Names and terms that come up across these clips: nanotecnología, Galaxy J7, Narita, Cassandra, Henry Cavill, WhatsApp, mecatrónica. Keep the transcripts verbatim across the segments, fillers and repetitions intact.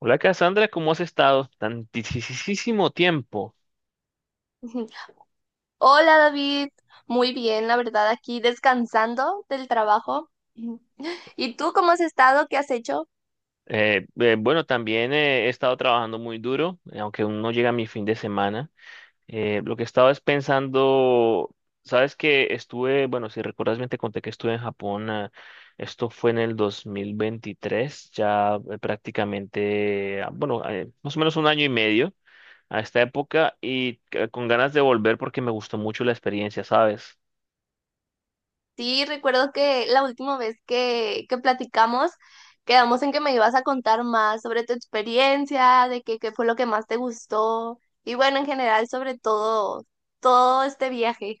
Hola Cassandra, ¿cómo has estado? Tantísimo tiempo. Ujú. Hola David, muy bien, la verdad, aquí descansando del trabajo. Ujú. ¿Y tú cómo has estado? ¿Qué has hecho? Eh, eh, bueno, también eh, He estado trabajando muy duro, eh, aunque aún no llega mi fin de semana. Eh, lo que estaba es pensando, sabes que estuve, bueno, si recuerdas bien te conté que estuve en Japón, ah, esto fue en el dos mil veintitrés, ya eh, prácticamente, ah, bueno, eh, más o menos un año y medio a esta época y eh, con ganas de volver porque me gustó mucho la experiencia, ¿sabes? Sí, recuerdo que la última vez que, que platicamos, quedamos en que me ibas a contar más sobre tu experiencia, de que, qué fue lo que más te gustó y bueno, en general sobre todo, todo este viaje.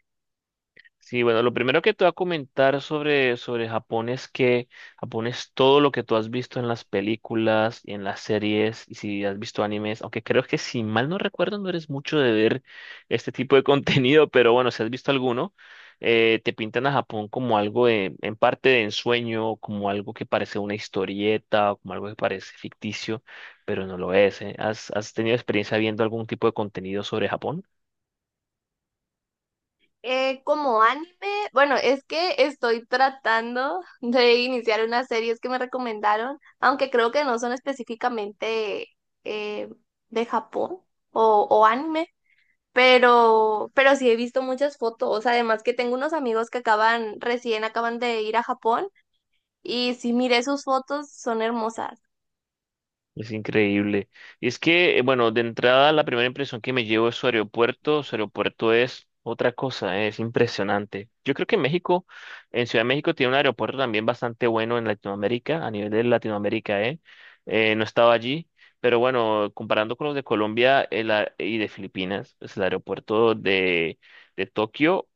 Sí, bueno, lo primero que te voy a comentar sobre, sobre Japón es que Japón es todo lo que tú has visto en las películas y en las series y si has visto animes, aunque creo que si mal no recuerdo no eres mucho de ver este tipo de contenido, pero bueno, si has visto alguno, eh, te pintan a Japón como algo de, en parte de ensueño, como algo que parece una historieta, o como algo que parece ficticio, pero no lo es, ¿eh? ¿Has, has tenido experiencia viendo algún tipo de contenido sobre Japón? Eh, como anime, bueno, es que estoy tratando de iniciar unas series que me recomendaron, aunque creo que no son específicamente eh, de Japón o, o anime, pero, pero sí he visto muchas fotos, además que tengo unos amigos que acaban, recién acaban de ir a Japón y si miré sus fotos, son hermosas. Es increíble. Y es que, eh, bueno, de entrada la primera impresión que me llevo es su aeropuerto. Su aeropuerto es otra cosa, eh, es impresionante. Yo creo que México, en Ciudad de México, tiene un aeropuerto también bastante bueno en Latinoamérica, a nivel de Latinoamérica, ¿eh? Eh, no estaba allí, pero bueno, comparando con los de Colombia el a- y de Filipinas, pues el aeropuerto de, de Tokio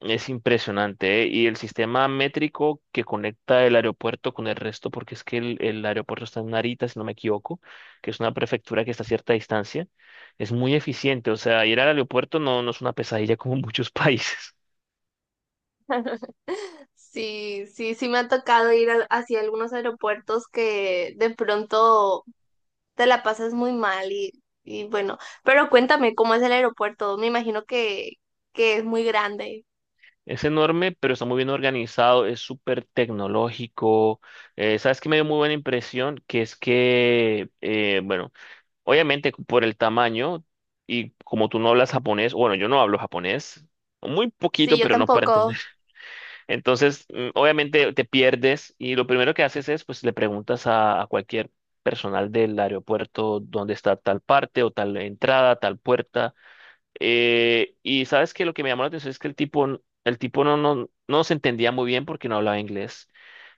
es impresionante, ¿eh? Y el sistema métrico que conecta el aeropuerto con el resto, porque es que el, el aeropuerto está en Narita, si no me equivoco, que es una prefectura que está a cierta distancia, es muy eficiente. O sea, ir al aeropuerto no, no es una pesadilla como en muchos países. Sí, sí, sí me ha tocado ir a- hacia algunos aeropuertos que de pronto te la pasas muy mal y, y bueno, pero cuéntame cómo es el aeropuerto. Me imagino que, que es muy grande. Es enorme, pero está muy bien organizado, es súper tecnológico. Eh, ¿sabes qué me dio muy buena impresión? Que es que, eh, bueno, Obviamente por el tamaño y como tú no hablas japonés, bueno, yo no hablo japonés. Muy Sí, poquito, yo pero no para tampoco. entender. Entonces, mm, obviamente te pierdes y lo primero que haces es, pues le preguntas a, a cualquier personal del aeropuerto dónde está tal parte o tal entrada, tal puerta. Eh, y sabes que lo que me llamó la atención es que el tipo, n- el tipo no, no, no nos entendía muy bien porque no hablaba inglés.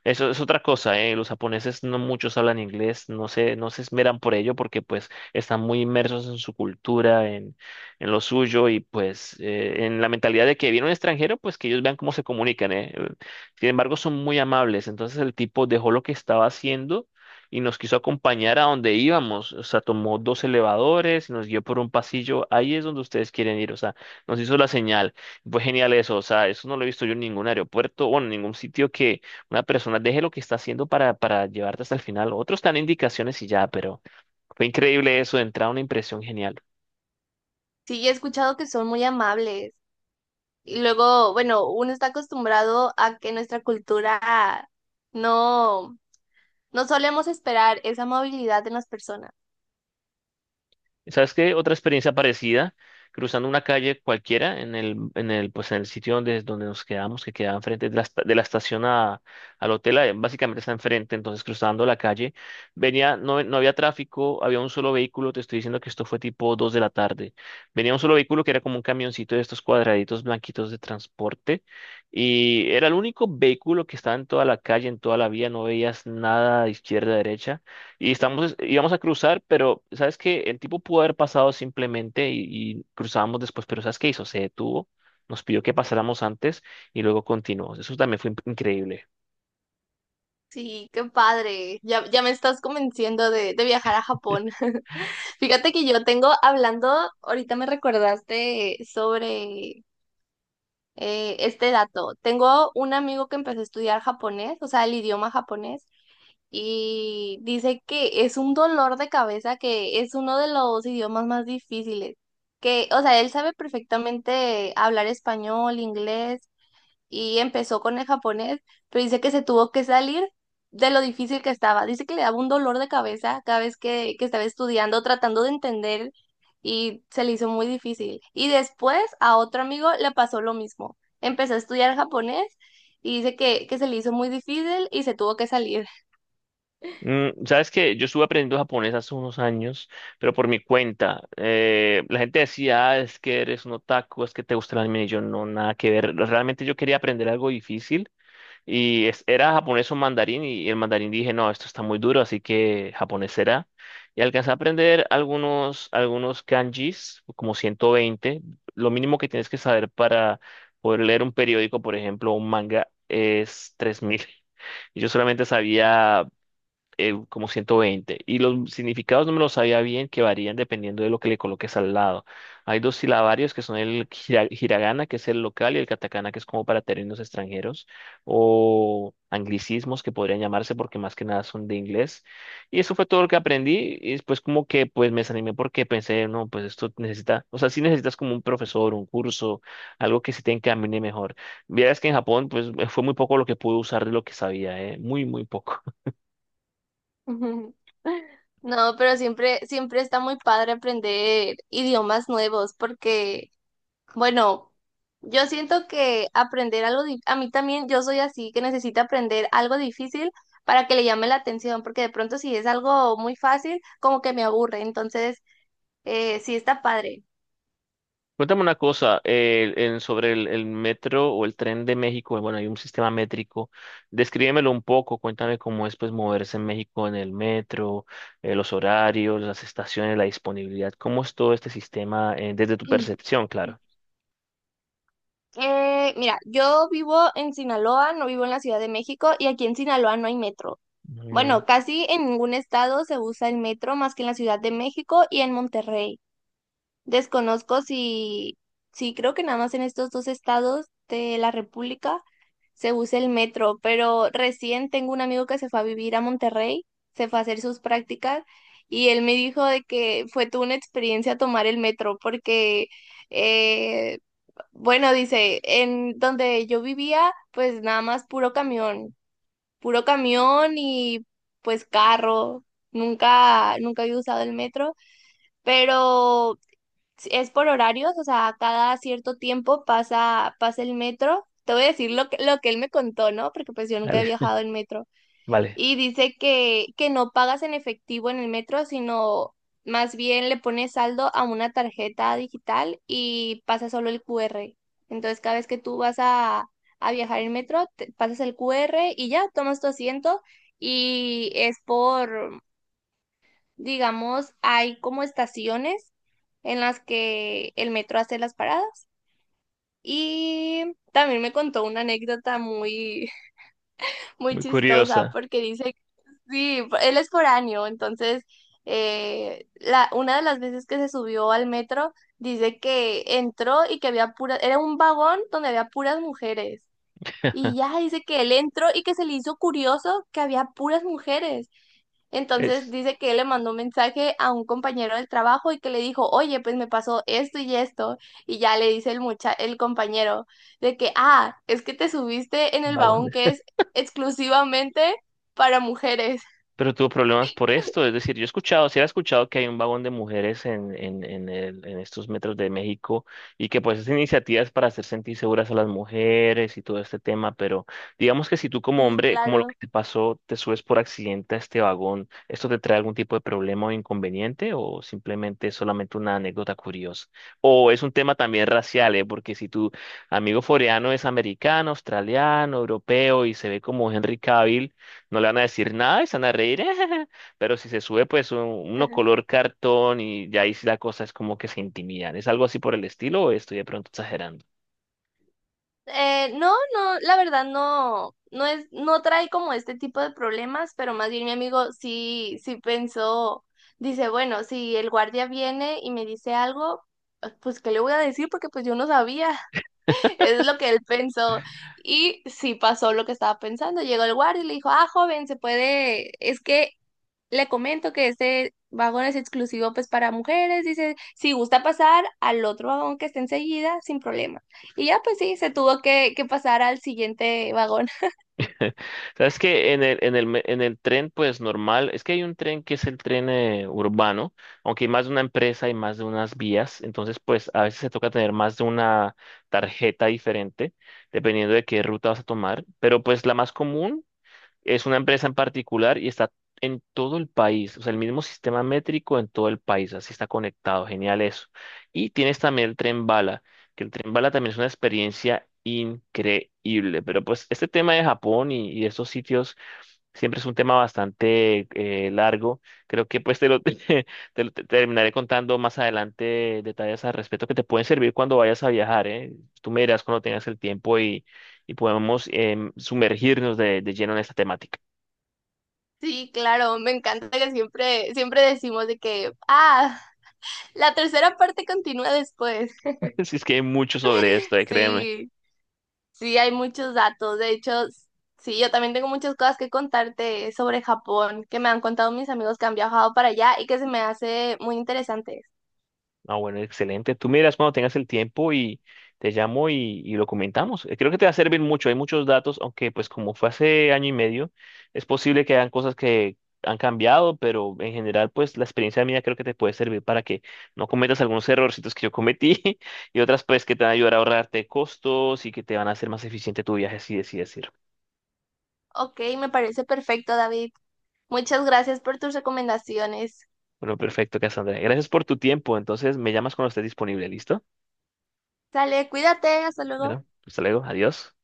Eso es otra cosa, ¿eh? Los japoneses no muchos hablan inglés, no se, no se esmeran por ello porque pues están muy inmersos en su cultura, en, en lo suyo y pues eh, en la mentalidad de que viene un extranjero, pues que ellos vean cómo se comunican, ¿eh? eh, Sin embargo, son muy amables. Entonces el tipo dejó lo que estaba haciendo y nos quiso acompañar a donde íbamos. O sea, tomó dos elevadores y nos guió por un pasillo. Ahí es donde ustedes quieren ir. O sea, nos hizo la señal. Fue genial eso. O sea, eso no lo he visto yo en ningún aeropuerto bueno en ningún sitio que una persona deje lo que está haciendo para, para llevarte hasta el final. Otros dan indicaciones y ya, pero fue increíble eso. De entrada, una impresión genial. Sí, he escuchado que son muy amables. Y luego, bueno, uno está acostumbrado a que nuestra cultura no, no solemos esperar esa amabilidad en las personas. ¿Sabes qué? Otra experiencia parecida, cruzando una calle cualquiera en el, en el, pues en el sitio donde, donde nos quedamos, que quedaba enfrente de la, esta- de la estación a- al hotel, eh, básicamente está enfrente, entonces cruzando la calle, venía, no, no había tráfico, había un solo vehículo, te estoy diciendo que esto fue tipo dos de la tarde, venía un solo vehículo que era como un camioncito de estos cuadraditos blanquitos de transporte, y era el único vehículo que estaba en toda la calle, en toda la vía, no veías nada de izquierda a derecha. Y estamos, íbamos a cruzar, pero sabes que el tipo pudo haber pasado simplemente y, y cruzábamos después, pero ¿sabes qué hizo? Se detuvo, nos pidió que pasáramos antes y luego continuó. Eso también fue in- increíble. Sí, qué padre. Ya, ya me estás convenciendo de, de viajar a Japón. Fíjate que yo tengo hablando, ahorita me recordaste sobre eh, este dato. Tengo un amigo que empezó a estudiar japonés, o sea, el idioma japonés, y dice que es un dolor de cabeza, que es uno de los idiomas más difíciles. Que, o sea, él sabe perfectamente hablar español, inglés, y empezó con el japonés, pero dice que se tuvo que salir de lo difícil que estaba. Dice que le daba un dolor de cabeza cada vez que, que estaba estudiando, tratando de entender y se le hizo muy difícil. Y después a otro amigo le pasó lo mismo. Empezó a estudiar japonés y dice que, que se le hizo muy difícil y se tuvo que salir. Mm, sabes que yo estuve aprendiendo japonés hace unos años, pero por mi cuenta. Eh, la gente decía, "Ah, es que eres un otaku, es que te gusta el anime. Y yo no, nada que ver. Realmente yo quería aprender algo difícil Y es- era japonés o mandarín y el mandarín dije, no, esto está muy duro, así que japonés será. Y alcancé a aprender algunos, algunos kanjis, como ciento veinte. Lo mínimo que tienes que saber para poder leer un periódico, por ejemplo, un manga, es tres mil. Y yo solamente sabía eh, como ciento veinte. Y los significados no me los sabía bien, que varían dependiendo de lo que le coloques al lado. Hay dos silabarios que son el hira- hiragana, que es el local, y el katakana, que es como para términos extranjeros, o anglicismos que podrían llamarse porque más que nada son de inglés. Y eso fue todo lo que aprendí. Y después como que pues me desanimé porque pensé, no, pues esto necesita, o sea, sí necesitas como un profesor, un curso, algo que se te encamine mejor. Vieras que en Japón pues fue muy poco lo que pude usar de lo que sabía, eh, muy, muy poco. No, pero siempre, siempre está muy padre aprender idiomas nuevos porque bueno, yo siento que aprender algo, di- a mí también, yo soy así que necesito aprender algo difícil para que le llame la atención, porque de pronto si es algo muy fácil, como que me aburre, entonces eh, sí está padre. Cuéntame una cosa, eh, en- sobre el, el metro o el tren de México, bueno, hay un sistema métrico, descríbemelo un poco, cuéntame cómo es pues moverse en México en el metro, eh, los horarios, las estaciones, la disponibilidad, cómo es todo este sistema eh, desde tu percepción, claro. Eh, mira, yo vivo en Sinaloa, no vivo en la Ciudad de México y aquí en Sinaloa no hay metro. Mm, Bueno, casi en ningún estado se usa el metro más que en la Ciudad de México y en Monterrey. Desconozco si, sí creo que nada más en estos dos estados de la República se usa el metro, pero recién tengo un amigo que se fue a vivir a Monterrey, se fue a hacer sus prácticas y él me dijo de que fue toda una experiencia tomar el metro porque, eh, bueno, dice, en donde yo vivía, pues nada más puro camión, puro camión y pues carro, nunca, nunca había usado el metro. Pero si- es por horarios, o sea, cada cierto tiempo pasa, pasa el metro. Te voy a decir lo que, lo que él me contó, ¿no? Porque pues yo nunca he vale, viajado en metro. vale, Y dice que, que no pagas en efectivo en el metro, sino más bien le pones saldo a una tarjeta digital y pasa solo el Q R. Entonces cada vez que tú vas a, a viajar en metro, te- pasas el Q R y ya tomas tu asiento y es por digamos, hay como estaciones en las que el metro hace las paradas. Y también me contó una anécdota muy, muy muy chistosa curiosa, porque dice, sí, él es foráneo, entonces eh, la, una de las veces que se subió al metro dice que entró y que había puras, era un vagón donde había puras mujeres. Y ya dice que él entró y que se le hizo curioso que había puras mujeres. Entonces es dice que él le mandó un mensaje a un compañero del trabajo y que le dijo, oye, pues me pasó esto y esto. Y ya le dice el mucha el compañero de que, ah, es que te subiste en el vagón. vagón que es exclusivamente para mujeres. Pero tuvo problemas por esto, es decir, yo he escuchado, sí he escuchado que hay un vagón de mujeres en, en, en, el- en estos metros de México y que pues es iniciativas para hacer sentir seguras a las mujeres y todo este tema, pero digamos que si tú como Sí, hombre, como lo que claro. te pasó, te subes por accidente a este vagón, ¿esto te trae algún tipo de problema o inconveniente o simplemente es solamente una anécdota curiosa? ¿O es un tema también racial, eh? Porque si tu amigo foreano es americano, australiano, europeo y se ve como Henry Cavill, no le van a decir nada y se van a reír. Pero si se sube, pues un- uno color cartón y ya ahí sí la cosa es como que se intimidan. ¿Es algo así por el estilo o estoy de pronto exagerando? Eh, no, no, la verdad no, no es, no trae como este tipo de problemas, pero más bien mi amigo sí, sí pensó, dice, bueno, si el guardia viene y me dice algo, pues ¿qué le voy a decir? Porque pues yo no sabía. Es lo que él pensó. Y sí pasó lo que estaba pensando. Llegó el guardia y le dijo, ah, joven, se puede, es que le comento que este vagón es exclusivo pues para mujeres. Dice, si gusta pasar al otro vagón que está enseguida, sin problema. Y ya pues sí, se tuvo que, que pasar al siguiente vagón. Sabes que en el, en el, me- en el tren, pues normal, es que hay un tren que es el tren eh, urbano, aunque hay más de una empresa y más de unas vías, entonces pues a veces se toca tener más de una tarjeta diferente, dependiendo de qué ruta vas a tomar, pero pues la más común. Es una empresa en particular y está en todo el país, o sea, el mismo sistema métrico en todo el país, así está conectado, genial eso. Y tienes también el tren bala, que el tren bala también es una experiencia increíble, pero pues este tema de Japón y, y estos sitios siempre es un tema bastante eh, largo, creo que pues te lo, te lo- te terminaré contando más adelante detalles al respecto que te pueden servir cuando vayas a viajar, ¿eh? Tú me dirás cuando tengas el tiempo y podemos em, sumergirnos de, de lleno en esta temática. Sí, claro, me encanta que siempre, siempre decimos de que, ah, la tercera parte continúa después. Si es que hay mucho sobre esto, eh, créeme. Sí. Sí, hay muchos datos. De hecho, sí, yo también tengo muchas cosas que contarte sobre Japón, que me han contado mis amigos que han viajado para allá y que se me hace muy interesante. Ah, bueno, excelente. Tú miras cuando tengas el tiempo y te llamo y, y lo comentamos. Eh, Creo que te va a servir mucho. Hay muchos datos, aunque pues como fue hace año y medio, es posible que hayan cosas que han cambiado, pero en general pues la experiencia mía creo que te puede servir para que no cometas algunos errorcitos que yo cometí y otras pues que te van a ayudar a ahorrarte costos y que te van a hacer más eficiente tu viaje, así decir. Ok, me parece perfecto, David. Muchas gracias por tus recomendaciones. Bueno, perfecto, Cassandra. Gracias por tu tiempo. Entonces, me llamas cuando estés disponible. ¿Listo? Sale, cuídate, hasta luego. Bueno, hasta luego. Adiós.